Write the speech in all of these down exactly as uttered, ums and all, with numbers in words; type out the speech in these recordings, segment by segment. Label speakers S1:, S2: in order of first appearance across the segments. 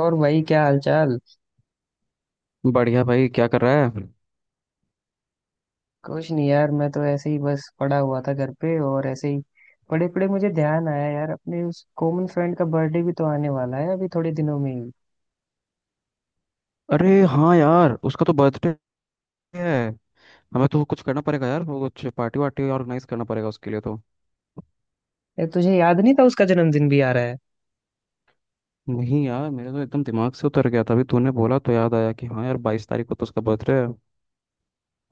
S1: और भाई, क्या हालचाल।
S2: बढ़िया भाई क्या कर रहा है।
S1: कुछ नहीं यार, मैं तो ऐसे ही बस पड़ा हुआ था घर पे, और ऐसे ही पड़े पड़े मुझे ध्यान आया यार, अपने उस कॉमन फ्रेंड का बर्थडे भी तो आने वाला है अभी थोड़े दिनों में ही।
S2: अरे हाँ यार उसका तो बर्थडे है। हमें तो कुछ करना पड़ेगा यार, वो कुछ पार्टी वार्टी ऑर्गेनाइज करना पड़ेगा उसके लिए तो।
S1: यार, तुझे याद नहीं था उसका जन्मदिन भी आ रहा है?
S2: नहीं यार, मेरे तो एकदम दिमाग से उतर गया था, अभी तूने बोला तो याद आया कि हाँ यार बाईस तारीख को तो उसका बर्थडे है।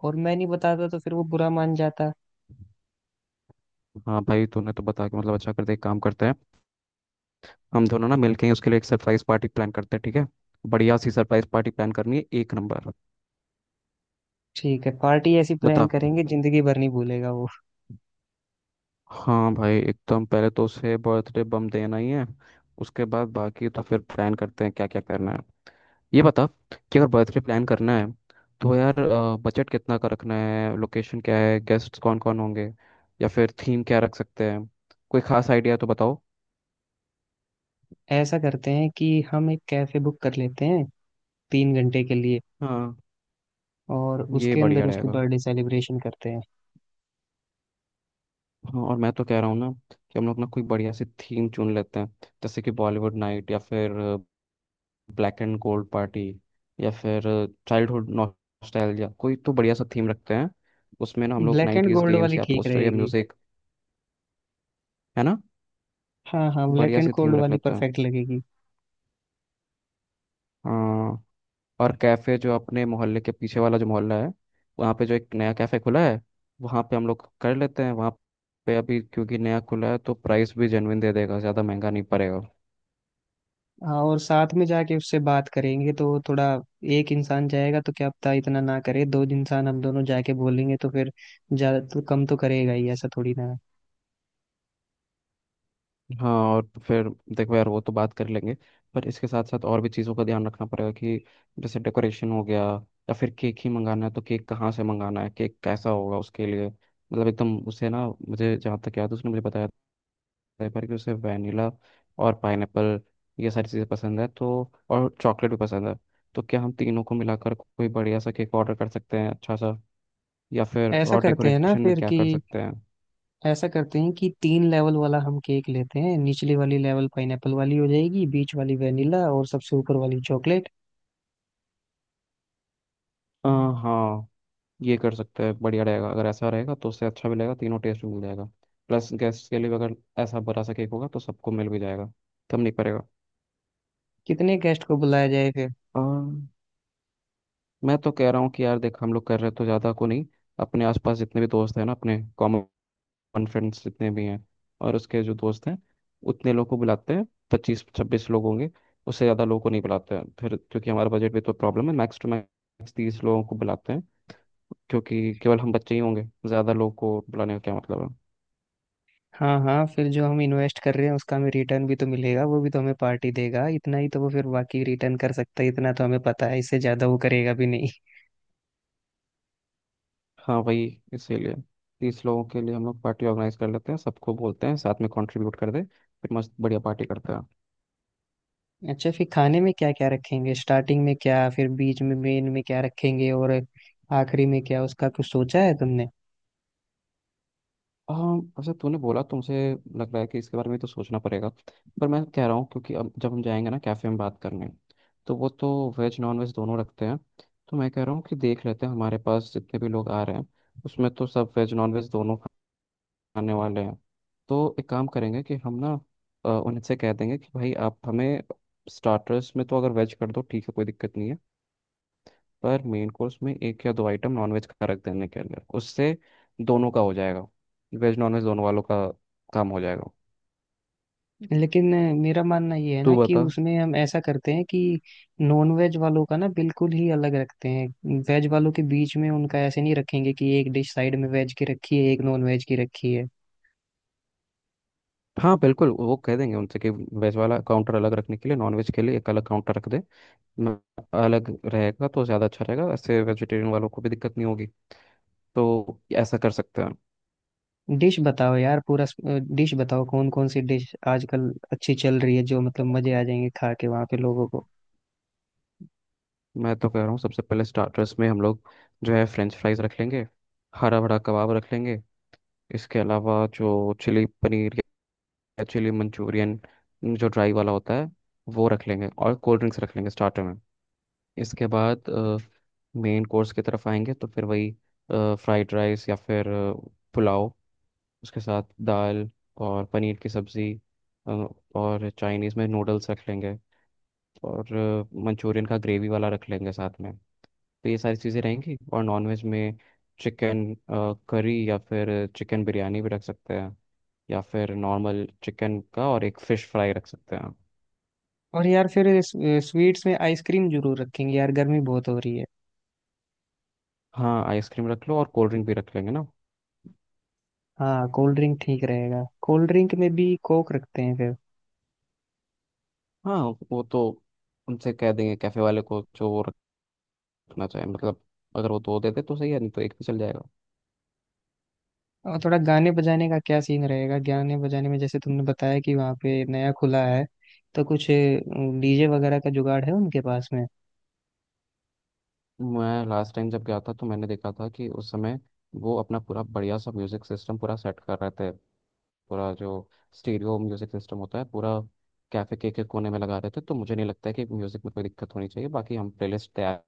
S1: और मैं नहीं बताता तो फिर वो बुरा मान जाता।
S2: हाँ भाई, तूने तो बता के मतलब अच्छा, करते एक काम करते हैं, हम दोनों ना मिलके ही उसके लिए एक सरप्राइज पार्टी प्लान करते हैं, ठीक है। बढ़िया सी सरप्राइज पार्टी प्लान करनी है, एक नंबर।
S1: ठीक है, पार्टी ऐसी
S2: बता।
S1: प्लान करेंगे जिंदगी भर नहीं भूलेगा वो।
S2: हाँ भाई, एकदम पहले तो उसे बर्थडे बम देना ही है, उसके बाद बाकी तो फिर प्लान करते हैं क्या क्या करना है। ये बता कि अगर बर्थडे प्लान करना है तो यार बजट कितना का रखना है, लोकेशन क्या है, गेस्ट कौन कौन होंगे, या फिर थीम क्या रख सकते हैं। कोई खास आइडिया तो बताओ।
S1: ऐसा करते हैं कि हम एक कैफे बुक कर लेते हैं तीन घंटे के लिए,
S2: हाँ,
S1: और
S2: ये
S1: उसके अंदर
S2: बढ़िया
S1: उसकी
S2: रहेगा।
S1: बर्थडे सेलिब्रेशन करते हैं।
S2: हाँ, और मैं तो कह रहा हूँ ना कि हम लोग ना कोई बढ़िया सी थीम चुन लेते हैं, जैसे कि बॉलीवुड नाइट, या फिर ब्लैक एंड गोल्ड पार्टी, या फिर चाइल्डहुड नॉस्टैल्जिया, कोई तो बढ़िया सा थीम रखते हैं। उसमें ना हम लोग
S1: black and
S2: nineties
S1: gold
S2: games
S1: वाली
S2: या
S1: ठीक
S2: पोस्टर या
S1: रहेगी।
S2: म्यूजिक, है ना।
S1: हाँ हाँ, ब्लैक
S2: बढ़िया
S1: एंड
S2: सी
S1: गोल्ड
S2: थीम रख
S1: वाली
S2: लेते हैं।
S1: परफेक्ट लगेगी।
S2: हाँ, और कैफ़े, जो अपने मोहल्ले के पीछे वाला जो मोहल्ला है वहाँ पे जो एक नया कैफ़े खुला है वहाँ पे हम लोग कर लेते हैं। वहाँ पे अभी क्योंकि नया खुला है तो प्राइस भी जेन्युइन दे देगा, ज़्यादा महंगा नहीं पड़ेगा।
S1: हाँ, और साथ में जाके उससे बात करेंगे तो थोड़ा, एक इंसान जाएगा तो क्या पता इतना ना करे, दो इंसान हम दोनों जाके बोलेंगे तो फिर ज्यादा तो कम तो करेगा ही, ऐसा थोड़ी ना
S2: हाँ, और फिर देखो यार, वो तो बात कर लेंगे, पर इसके साथ साथ और भी चीज़ों का ध्यान रखना पड़ेगा, कि जैसे डेकोरेशन हो गया, या फिर केक ही मंगाना है तो केक कहाँ से मंगाना है, केक कैसा होगा उसके लिए। मतलब एकदम उसे ना, मुझे जहाँ तक याद है उसने मुझे बताया है, पर कि उसे वैनिला और पाइनएप्पल ये सारी चीज़ें पसंद है तो, और चॉकलेट भी पसंद है। तो क्या हम तीनों को मिलाकर कोई बढ़िया सा केक ऑर्डर कर सकते हैं अच्छा सा, या फिर
S1: है। ऐसा
S2: और
S1: करते हैं ना
S2: डेकोरेशन में
S1: फिर
S2: क्या
S1: कि
S2: कर सकते हैं।
S1: ऐसा करते हैं कि तीन लेवल वाला हम केक लेते हैं, निचली वाली लेवल पाइनएप्पल वाली हो जाएगी, बीच वाली वेनिला, और सबसे ऊपर वाली चॉकलेट।
S2: अ, हाँ, ये कर सकते हैं, बढ़िया रहेगा। अगर ऐसा रहेगा तो उससे अच्छा भी लगेगा, तीनों टेस्ट भी मिल जाएगा, प्लस गेस्ट के लिए भी अगर ऐसा बड़ा सा केक होगा तो सबको मिल भी जाएगा, कम नहीं पड़ेगा।
S1: कितने गेस्ट को बुलाया जाए फिर?
S2: अम, मैं तो कह रहा हूँ कि यार देख, हम लोग कर रहे हैं तो ज़्यादा को नहीं। अपने आसपास जितने भी दोस्त हैं ना, अपने कॉमन फ्रेंड्स जितने भी हैं, और उसके जो दोस्त हैं, उतने लोग को बुलाते हैं, पच्चीस छब्बीस लोग होंगे। उससे ज़्यादा लोगों को नहीं बुलाते हैं फिर, क्योंकि हमारा बजट भी तो प्रॉब्लम है, मैक्स टू मैक्स तीस लोगों को बुलाते हैं। क्योंकि केवल हम बच्चे ही होंगे, ज़्यादा लोगों को बुलाने का क्या मतलब है।
S1: हाँ हाँ, फिर जो हम इन्वेस्ट कर रहे हैं उसका हमें रिटर्न भी तो मिलेगा, वो भी तो हमें पार्टी देगा इतना ही, तो वो फिर बाकी रिटर्न कर सकता है इतना तो हमें पता है, इससे ज्यादा वो करेगा भी नहीं।
S2: हाँ वही, इसीलिए तीस लोगों के लिए हम लोग पार्टी ऑर्गेनाइज कर लेते हैं, सबको बोलते हैं साथ में कंट्रीब्यूट कर दे, फिर मस्त बढ़िया पार्टी करते हैं।
S1: अच्छा, फिर खाने में क्या क्या रखेंगे, स्टार्टिंग में क्या, फिर बीच में मेन में क्या रखेंगे, और आखिरी में क्या, उसका कुछ सोचा है तुमने?
S2: हाँ, वैसे तूने बोला तुमसे लग रहा है कि इसके बारे में तो सोचना पड़ेगा। पर मैं कह रहा हूँ, क्योंकि अब जब हम जाएंगे ना कैफ़े में बात करने, तो वो तो वेज नॉन वेज दोनों रखते हैं। तो मैं कह रहा हूँ कि देख लेते हैं, हमारे पास जितने भी लोग आ रहे हैं उसमें तो सब वेज नॉन वेज दोनों खाने वाले हैं। तो एक काम करेंगे कि हम ना अ, उनसे कह देंगे कि भाई आप हमें स्टार्टर्स में तो अगर वेज कर दो ठीक है, कोई दिक्कत नहीं है, पर मेन कोर्स में एक या दो आइटम नॉनवेज का रख देने के अंदर उससे दोनों का हो जाएगा, वेज नॉनवेज दोनों वालों का काम हो जाएगा।
S1: लेकिन अ, मेरा मानना ये है
S2: तू
S1: ना, कि
S2: बता।
S1: उसमें हम ऐसा करते हैं कि नॉन वेज वालों का ना बिल्कुल ही अलग रखते हैं, वेज वालों के बीच में उनका ऐसे नहीं रखेंगे कि एक डिश साइड में वेज की रखी है, एक नॉन वेज की रखी है।
S2: हाँ बिल्कुल, वो कह देंगे उनसे कि वेज वाला काउंटर अलग रखने के लिए, नॉनवेज के लिए एक अलग काउंटर रख दे। न- अलग रहेगा तो ज़्यादा अच्छा रहेगा, ऐसे वेजिटेरियन वालों को भी दिक्कत नहीं होगी, तो ऐसा कर सकते हैं।
S1: डिश बताओ यार पूरा, डिश बताओ कौन कौन सी डिश आजकल अच्छी चल रही है, जो मतलब मजे आ जाएंगे खा के वहां पे लोगों को।
S2: मैं तो कह रहा हूँ सबसे पहले स्टार्टर्स में हम लोग जो है फ्रेंच फ्राइज रख लेंगे, हरा भरा कबाब रख लेंगे। इसके अलावा जो चिली पनीर, चिली मंचूरियन जो ड्राई वाला होता है वो रख लेंगे, और कोल्ड ड्रिंक्स रख लेंगे स्टार्टर में। इसके बाद मेन कोर्स की तरफ आएंगे, तो फिर वही फ्राइड राइस, या फिर अ, पुलाव, उसके साथ दाल और पनीर की सब्ज़ी, अ, और चाइनीज़ में नूडल्स रख लेंगे, और मंचूरियन का ग्रेवी वाला रख लेंगे साथ में। तो ये सारी चीज़ें रहेंगी। और नॉनवेज में चिकन करी, या फिर चिकन बिरयानी भी रख सकते हैं, या फिर नॉर्मल चिकन का और एक फ़िश फ्राई रख सकते हैं।
S1: और यार, फिर इस- स्वीट्स में आइसक्रीम जरूर रखेंगे यार, गर्मी बहुत हो रही है।
S2: हाँ, आइसक्रीम रख लो, और कोल्ड ड्रिंक भी रख लेंगे ना।
S1: हाँ, कोल्ड ड्रिंक ठीक रहेगा, कोल्ड ड्रिंक में भी कोक रखते हैं फिर।
S2: हाँ, वो तो उनसे कह देंगे कैफ़े वाले को जो वो रखना चाहे। मतलब अगर वो दो दे दे तो सही है, नहीं तो एक भी चल जाएगा।
S1: और थोड़ा गाने बजाने का क्या सीन रहेगा, गाने बजाने में? जैसे तुमने बताया कि वहाँ पे नया खुला है, तो कुछ डीजे वगैरह का जुगाड़ है उनके पास में?
S2: मैं लास्ट टाइम जब गया था तो मैंने देखा था कि उस समय वो अपना पूरा बढ़िया सा म्यूज़िक सिस्टम पूरा सेट कर रहे थे। पूरा जो स्टीरियो म्यूजिक सिस्टम होता है पूरा कैफे के, के कोने में लगा देते हैं, तो मुझे नहीं लगता है कि म्यूजिक में कोई दिक्कत होनी चाहिए। बाकी हम प्लेलिस्ट तैयार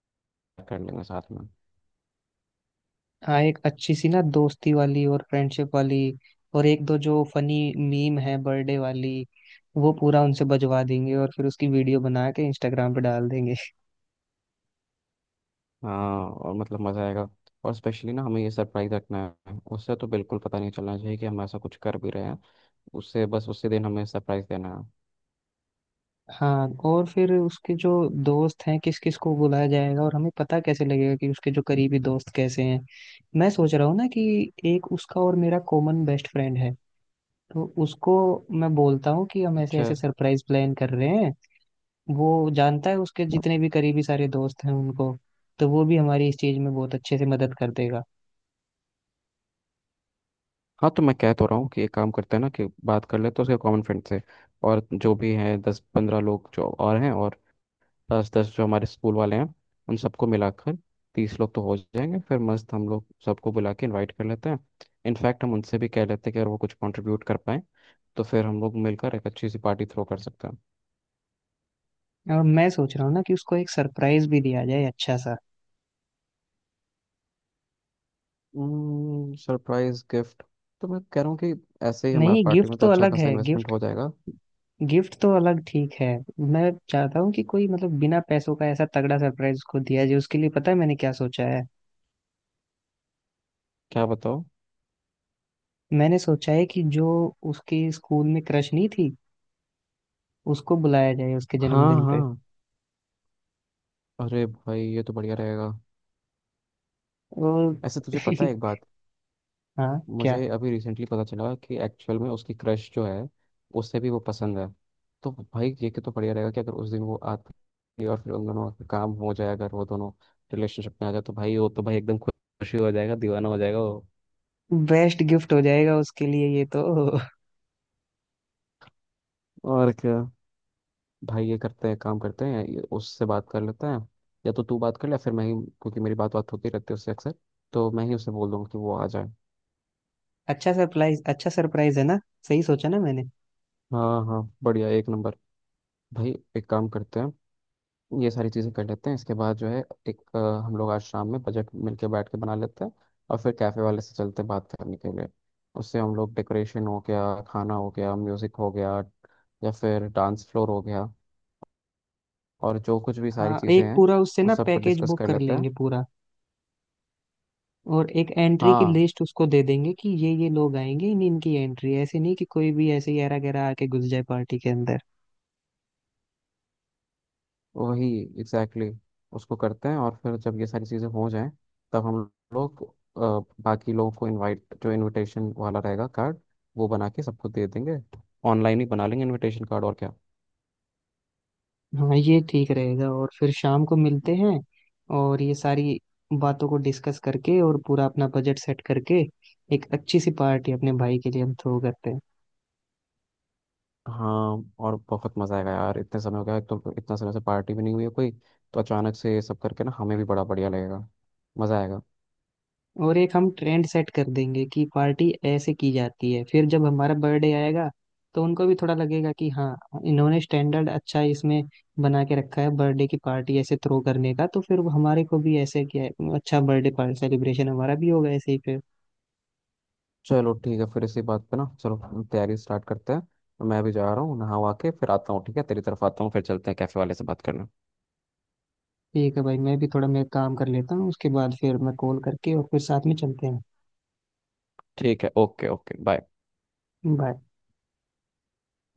S2: कर लेंगे साथ में।
S1: हाँ, एक अच्छी सी ना दोस्ती वाली और फ्रेंडशिप वाली, और एक दो जो फनी मीम है बर्थडे वाली, वो पूरा उनसे बजवा देंगे, और फिर उसकी वीडियो बना के इंस्टाग्राम पे डाल देंगे।
S2: हाँ, और मतलब मज़ा आएगा। और स्पेशली ना, हमें ये सरप्राइज रखना है, उससे तो बिल्कुल पता नहीं चलना चाहिए कि हम ऐसा कुछ कर भी रहे हैं। उससे बस उसी दिन हमें सरप्राइज देना है।
S1: हाँ, और फिर उसके जो दोस्त हैं किस किस को बुलाया जाएगा, और हमें पता कैसे लगेगा कि उसके जो करीबी दोस्त कैसे हैं? मैं सोच रहा हूँ ना कि एक उसका और मेरा कॉमन बेस्ट फ्रेंड है, तो उसको मैं बोलता हूँ कि हम ऐसे
S2: अच्छा।
S1: ऐसे सरप्राइज प्लान कर रहे हैं। वो जानता है उसके जितने भी करीबी सारे दोस्त हैं उनको, तो वो भी हमारी इस चीज में बहुत अच्छे से मदद कर देगा।
S2: हाँ, तो मैं कह तो रहा हूँ कि एक काम करते हैं ना कि बात कर लेते हैं उसके कॉमन फ्रेंड से, और जो भी हैं दस पंद्रह लोग जो और हैं, और दस दस जो हमारे स्कूल वाले हैं, उन सबको मिलाकर तीस लोग तो हो जाएंगे। फिर मस्त हम लोग सबको बुला के इनवाइट कर लेते हैं। इनफैक्ट हम उनसे भी कह लेते हैं कि अगर वो कुछ कंट्रीब्यूट कर पाए तो फिर हम लोग मिलकर एक अच्छी सी पार्टी थ्रो कर सकते हैं।
S1: और मैं सोच रहा हूँ ना कि उसको एक सरप्राइज भी दिया जाए, अच्छा सा।
S2: सरप्राइज गिफ्ट, तो मैं कह रहा हूँ कि ऐसे ही हमारा
S1: नहीं,
S2: पार्टी
S1: गिफ्ट
S2: में तो
S1: तो
S2: अच्छा
S1: अलग
S2: खासा
S1: है,
S2: इन्वेस्टमेंट
S1: गिफ्ट।
S2: हो जाएगा।
S1: गिफ्ट तो अलग, ठीक है। मैं चाहता हूँ कि कोई मतलब बिना पैसों का ऐसा तगड़ा सरप्राइज उसको दिया जाए, उसके लिए पता है मैंने क्या सोचा है?
S2: क्या बताओ।
S1: मैंने सोचा है कि जो उसके स्कूल में क्रश नहीं थी, उसको बुलाया जाए उसके
S2: हाँ
S1: जन्मदिन
S2: हाँ,
S1: पे।
S2: अरे भाई ये तो बढ़िया रहेगा।
S1: और
S2: ऐसे तुझे पता है एक बात,
S1: हाँ क्या।
S2: मुझे अभी रिसेंटली पता चला कि एक्चुअल में उसकी क्रश जो है उससे भी वो पसंद है। तो भाई ये कि तो बढ़िया रहेगा, कि अगर उस दिन वो आती है और फिर उन दोनों का काम हो जाए, अगर वो दोनों रिलेशनशिप में आ जाए तो भाई वो तो भाई एकदम खुशी हो जाएगा, दीवाना हो जाएगा वो।
S1: बेस्ट गिफ्ट हो जाएगा उसके लिए ये तो।
S2: और क्या। भाई ये करते हैं, काम करते हैं, ये उससे बात कर लेते हैं। या तो तू बात कर ले, फिर मैं ही, क्योंकि मेरी बात बात होती रहती है उससे अक्सर, तो मैं ही उसे बोल दूंगा कि वो आ जाए।
S1: अच्छा सरप्राइज, अच्छा सरप्राइज है ना, सही सोचा ना मैंने?
S2: हाँ हाँ, बढ़िया, एक नंबर। भाई एक काम करते हैं, ये सारी चीज़ें कर लेते हैं, इसके बाद जो है एक अ, हम लोग आज शाम में बजट मिलके बैठ के बना लेते हैं, और फिर कैफ़े वाले से चलते हैं बात करने के लिए। उससे हम लोग डेकोरेशन हो गया, खाना हो गया, म्यूज़िक हो गया, या फिर डांस फ्लोर हो गया, और जो कुछ भी सारी
S1: हाँ,
S2: चीज़ें
S1: एक
S2: हैं
S1: पूरा उससे
S2: वो
S1: ना
S2: सब पर
S1: पैकेज
S2: डिस्कस
S1: बुक
S2: कर
S1: कर
S2: लेते हैं।
S1: लेंगे पूरा। और एक एंट्री की
S2: हाँ
S1: लिस्ट उसको दे देंगे कि ये ये लोग आएंगे, इन इनकी एंट्री, ऐसे नहीं कि कोई भी ऐसे यारा गैरा आके घुस जाए पार्टी के अंदर।
S2: वही, एग्जैक्टली exactly, उसको करते हैं। और फिर जब ये सारी चीज़ें हो जाएं तब हम लोग अ, बाकी लोगों को इनवाइट, जो इनविटेशन वाला रहेगा कार्ड, वो बना के सबको दे देंगे। ऑनलाइन ही बना लेंगे इनविटेशन कार्ड, और क्या।
S1: हाँ ये ठीक रहेगा, और फिर शाम को मिलते हैं, और ये सारी बातों को डिस्कस करके और पूरा अपना बजट सेट करके एक अच्छी सी पार्टी अपने भाई के लिए हम थ्रो करते हैं।
S2: हाँ, और बहुत मजा आएगा यार, इतने समय हो गया, एक तो इतना समय से पार्टी भी नहीं हुई है कोई, तो अचानक से ये सब करके ना हमें भी बड़ा बढ़िया लगेगा, मजा आएगा।
S1: और एक हम ट्रेंड सेट कर देंगे कि पार्टी ऐसे की जाती है, फिर जब हमारा बर्थडे आएगा तो उनको भी थोड़ा लगेगा कि हाँ, इन्होंने स्टैंडर्ड अच्छा इसमें बना के रखा है बर्थडे की पार्टी ऐसे थ्रो करने का, तो फिर वो हमारे को भी ऐसे क्या, अच्छा बर्थडे पार्टी सेलिब्रेशन हमारा भी होगा ऐसे ही फिर।
S2: चलो ठीक है, फिर इसी बात पे ना चलो, तैयारी स्टार्ट करते हैं, तो मैं भी जा रहा हूँ नहा वहा के फिर आता हूँ। ठीक है, तेरी तरफ आता हूँ फिर चलते हैं कैफे वाले से बात करना।
S1: ठीक है भाई, मैं भी थोड़ा मेरा काम कर लेता हूँ, उसके बाद फिर मैं कॉल करके और फिर साथ में चलते हैं।
S2: ठीक है, ओके ओके, बाय।
S1: बाय।